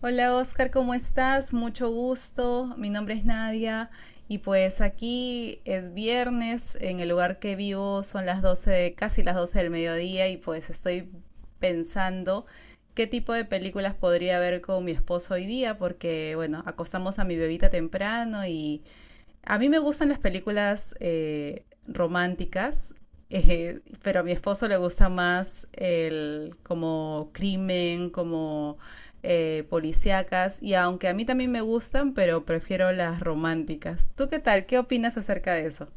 Hola Oscar, ¿cómo estás? Mucho gusto. Mi nombre es Nadia y pues aquí es viernes. En el lugar que vivo son las 12, casi las 12 del mediodía y pues estoy pensando qué tipo de películas podría ver con mi esposo hoy día porque bueno, acostamos a mi bebita temprano y a mí me gustan las películas románticas, pero a mi esposo le gusta más el como crimen, como policíacas, y aunque a mí también me gustan, pero prefiero las románticas. ¿Tú qué tal? ¿Qué opinas acerca de eso?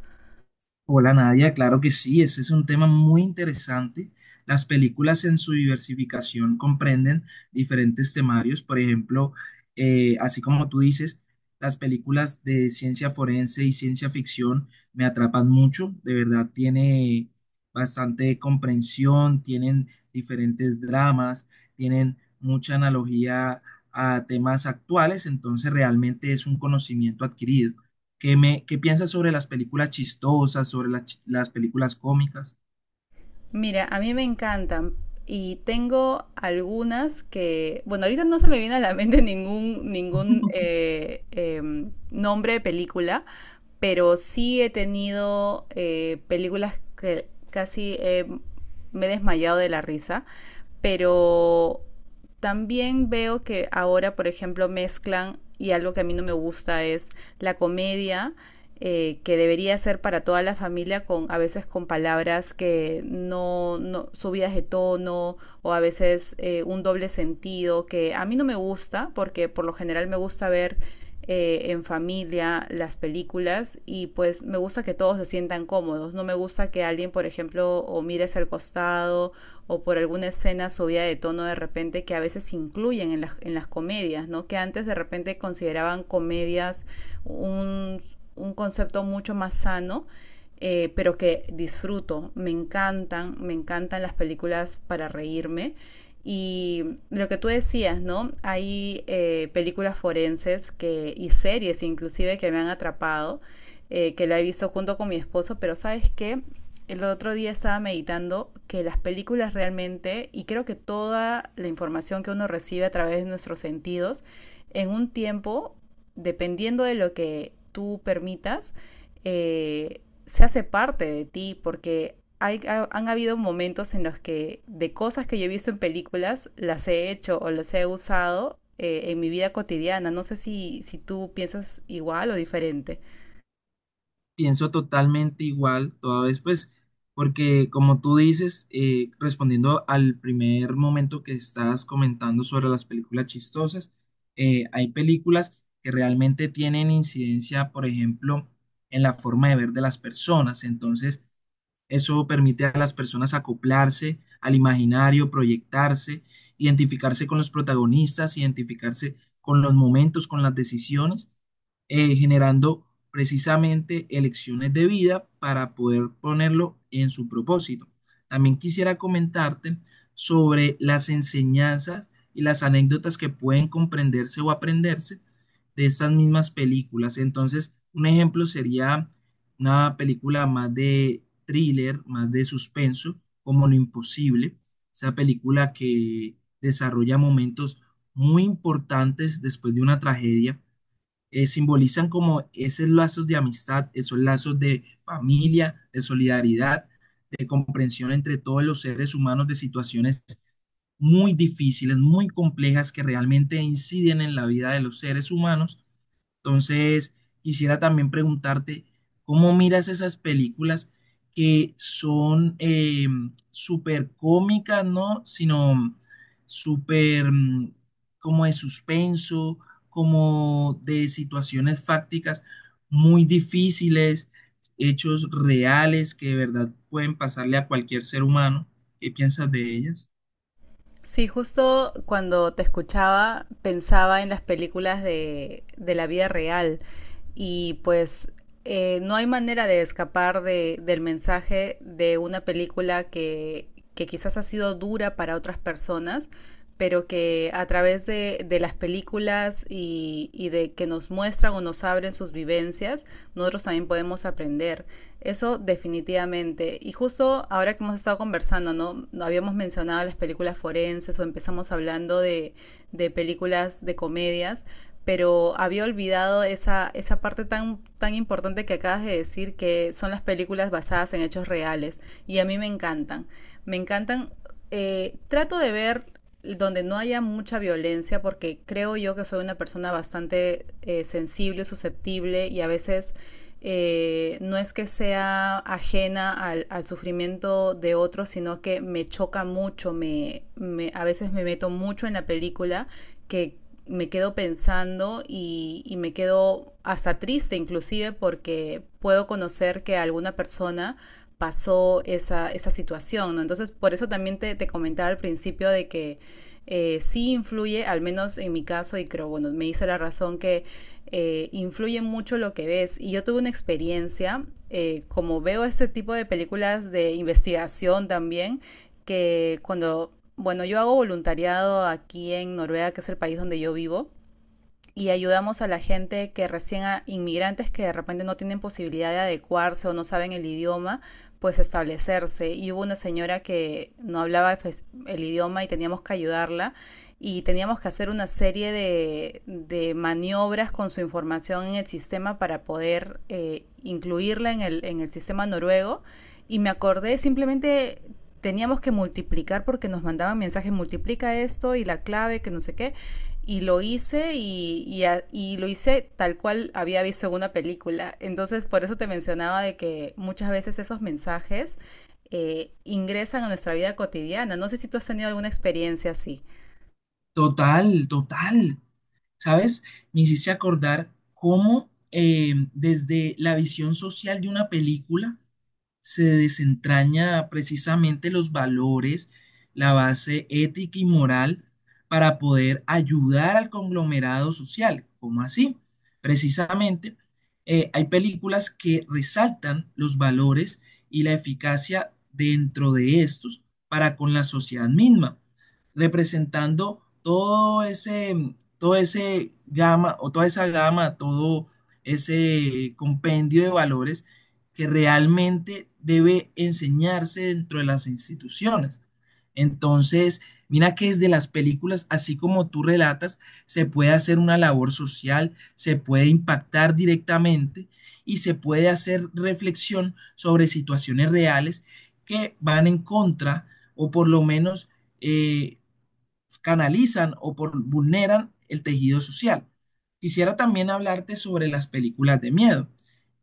Hola Nadia, claro que sí, ese es un tema muy interesante. Las películas en su diversificación comprenden diferentes temarios, por ejemplo, así como tú dices, las películas de ciencia forense y ciencia ficción me atrapan mucho, de verdad tiene bastante comprensión, tienen diferentes dramas, tienen mucha analogía a temas actuales, entonces realmente es un conocimiento adquirido. Qué piensas sobre las películas chistosas, sobre las películas cómicas? Mira, a mí me encantan y tengo algunas que, bueno, ahorita no se me viene a la mente ningún nombre de película, pero sí he tenido películas que casi me he desmayado de la risa, pero también veo que ahora, por ejemplo, mezclan, y algo que a mí no me gusta es la comedia que debería ser para toda la familia, con a veces con palabras que no subidas de tono o a veces un doble sentido, que a mí no me gusta, porque por lo general me gusta ver en familia las películas y pues me gusta que todos se sientan cómodos. No me gusta que alguien, por ejemplo, o mires al costado o por alguna escena subida de tono de repente que a veces incluyen en en las comedias, ¿no? Que antes de repente consideraban comedias un, un concepto mucho más sano, pero que disfruto. Me encantan las películas para reírme. Y lo que tú decías, ¿no? Hay películas forenses que, y series inclusive que me han atrapado, que la he visto junto con mi esposo, pero sabes qué, el otro día estaba meditando que las películas realmente, y creo que toda la información que uno recibe a través de nuestros sentidos, en un tiempo dependiendo de lo que tú permitas, se hace parte de ti, porque han habido momentos en los que de cosas que yo he visto en películas, las he hecho o las he usado en mi vida cotidiana. No sé si tú piensas igual o diferente. Pienso totalmente igual, toda vez pues, porque como tú dices, respondiendo al primer momento que estás comentando sobre las películas chistosas, hay películas que realmente tienen incidencia, por ejemplo, en la forma de ver de las personas. Entonces, eso permite a las personas acoplarse al imaginario, proyectarse, identificarse con los protagonistas, identificarse con los momentos, con las decisiones, generando precisamente elecciones de vida para poder ponerlo en su propósito. También quisiera comentarte sobre las enseñanzas y las anécdotas que pueden comprenderse o aprenderse de estas mismas películas. Entonces, un ejemplo sería una película más de thriller, más de suspenso, como Lo Imposible, esa película que desarrolla momentos muy importantes después de una tragedia, simbolizan como esos lazos de amistad, esos lazos de familia, de solidaridad, de comprensión entre todos los seres humanos de situaciones muy difíciles, muy complejas que realmente inciden en la vida de los seres humanos. Entonces, quisiera también preguntarte, ¿cómo miras esas películas que son súper cómicas? ¿No? Sino súper como de suspenso, como de situaciones fácticas muy difíciles, hechos reales que de verdad pueden pasarle a cualquier ser humano. ¿Qué piensas de ellas? Sí, justo cuando te escuchaba pensaba en las películas de la vida real y pues no hay manera de escapar del mensaje de una película que quizás ha sido dura para otras personas, pero que a través de las películas y de que nos muestran o nos abren sus vivencias, nosotros también podemos aprender. Eso definitivamente. Y justo ahora que hemos estado conversando, ¿no? Habíamos mencionado las películas forenses o empezamos hablando de películas de comedias, pero había olvidado esa parte tan importante que acabas de decir, que son las películas basadas en hechos reales. Y a mí me encantan. Me encantan. Trato de ver donde no haya mucha violencia, porque creo yo que soy una persona bastante sensible, susceptible y a veces no es que sea ajena sufrimiento de otros, sino que me choca mucho, a veces me meto mucho en la película que me quedo pensando y me quedo hasta triste inclusive porque puedo conocer que alguna persona pasó esa situación, ¿no? Entonces, por eso también te comentaba al principio de que sí influye, al menos en mi caso, y creo, bueno, me hice la razón que influye mucho lo que ves. Y yo tuve una experiencia, como veo este tipo de películas de investigación también, que cuando, bueno, yo hago voluntariado aquí en Noruega, que es el país donde yo vivo, y ayudamos a la gente que recién, a inmigrantes que de repente no tienen posibilidad de adecuarse o no saben el idioma, pues establecerse. Y hubo una señora que no hablaba pues, el idioma y teníamos que ayudarla y teníamos que hacer una serie de maniobras con su información en el sistema para poder incluirla en en el sistema noruego. Y me acordé simplemente teníamos que multiplicar porque nos mandaban mensajes, multiplica esto y la clave, que no sé qué y lo hice y lo hice tal cual había visto en una película. Entonces, por eso te mencionaba de que muchas veces esos mensajes ingresan a nuestra vida cotidiana. No sé si tú has tenido alguna experiencia así. Total, total. ¿Sabes? Me hiciste acordar cómo, desde la visión social de una película, se desentraña precisamente los valores, la base ética y moral para poder ayudar al conglomerado social. ¿Cómo así? Precisamente, hay películas que resaltan los valores y la eficacia dentro de estos para con la sociedad misma, representando todo ese gama o toda esa gama, todo ese compendio de valores que realmente debe enseñarse dentro de las instituciones. Entonces, mira que desde las películas, así como tú relatas, se puede hacer una labor social, se puede impactar directamente y se puede hacer reflexión sobre situaciones reales que van en contra o por lo menos eh, canalizan vulneran el tejido social. Quisiera también hablarte sobre las películas de miedo.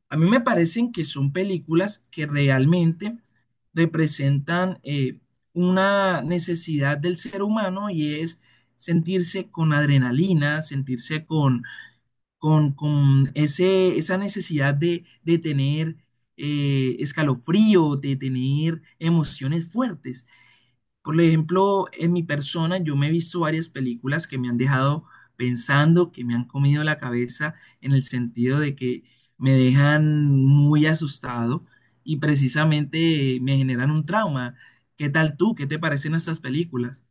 A mí me parecen que son películas que realmente representan una necesidad del ser humano y es sentirse con adrenalina, sentirse con ese, esa necesidad de tener escalofrío, de tener emociones fuertes. Por ejemplo, en mi persona, yo me he visto varias películas que me han dejado pensando, que me han comido la cabeza en el sentido de que me dejan muy asustado y precisamente me generan un trauma. ¿Qué tal tú? ¿Qué te parecen estas películas?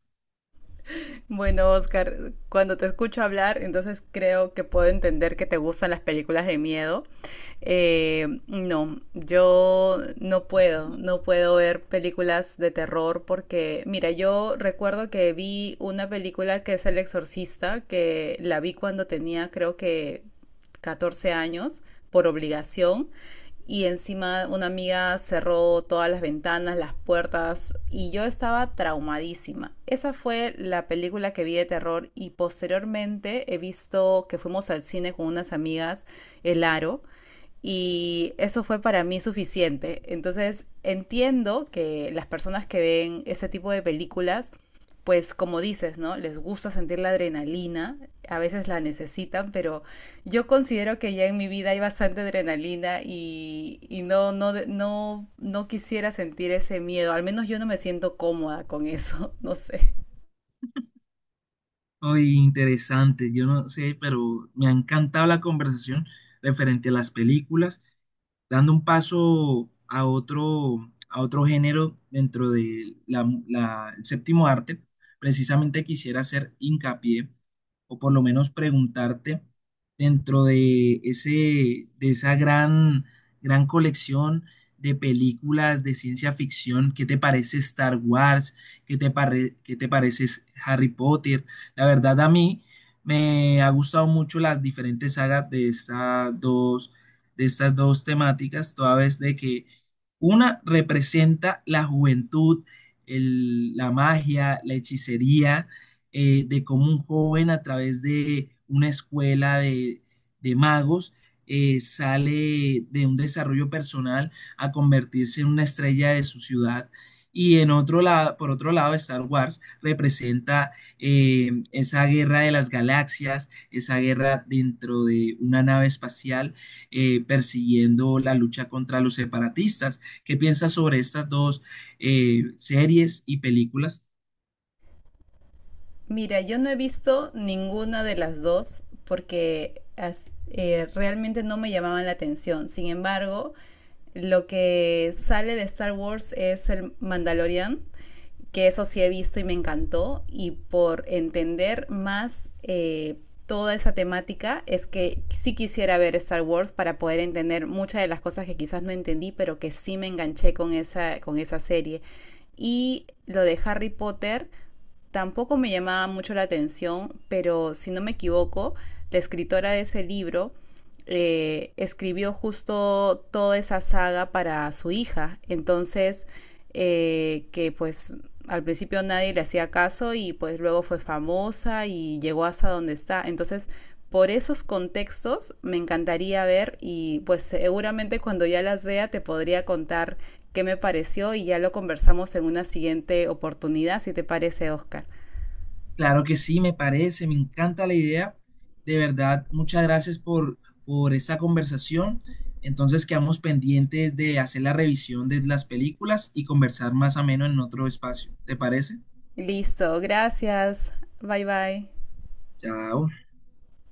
Bueno, Oscar, cuando te escucho hablar, entonces creo que puedo entender que te gustan las películas de miedo. No, yo no puedo, no puedo ver películas de terror porque, mira, yo recuerdo que vi una película que es El Exorcista, que la vi cuando tenía creo que 14 años por obligación y encima una amiga cerró todas las ventanas, las puertas y yo estaba traumadísima. Esa fue la película que vi de terror y posteriormente he visto que fuimos al cine con unas amigas, El Aro, y eso fue para mí suficiente. Entonces entiendo que las personas que ven ese tipo de películas, pues como dices, ¿no? Les gusta sentir la adrenalina, a veces la necesitan, pero yo considero que ya en mi vida hay bastante adrenalina y no quisiera sentir ese miedo, al menos yo no me siento cómoda con eso, no sé. Muy interesante, yo no sé, pero me ha encantado la conversación referente a las películas, dando un paso a otro género dentro de el séptimo arte. Precisamente quisiera hacer hincapié o por lo menos preguntarte, dentro de ese, de esa gran colección de películas de ciencia ficción, ¿qué te parece Star Wars? ¿Qué te parece Harry Potter? La verdad, a mí me ha gustado mucho las diferentes sagas de estas dos temáticas, toda vez de que una representa la juventud, la magia, la hechicería, de cómo un joven, a través de una escuela de magos, sale de un desarrollo personal a convertirse en una estrella de su ciudad. Y en otro lado, por otro lado, Star Wars representa, esa guerra de las galaxias, esa guerra dentro de una nave espacial, persiguiendo la lucha contra los separatistas. ¿Qué piensas sobre estas dos series y películas? Mira, yo no he visto ninguna de las dos porque realmente no me llamaban la atención. Sin embargo, lo que sale de Star Wars es el Mandalorian, que eso sí he visto y me encantó. Y por entender más toda esa temática, es que sí quisiera ver Star Wars para poder entender muchas de las cosas que quizás no entendí, pero que sí me enganché con con esa serie. Y lo de Harry Potter. Tampoco me llamaba mucho la atención, pero si no me equivoco, la escritora de ese libro escribió justo toda esa saga para su hija. Entonces, que pues al principio nadie le hacía caso y pues luego fue famosa y llegó hasta donde está. Entonces, por esos contextos me encantaría ver y pues seguramente cuando ya las vea te podría contar qué me pareció y ya lo conversamos en una siguiente oportunidad, si te parece, Oscar. Claro que sí, me parece, me encanta la idea. De verdad, muchas gracias por esta conversación. Entonces quedamos pendientes de hacer la revisión de las películas y conversar más ameno en otro espacio. ¿Te parece? Listo, gracias. Bye bye. Chao.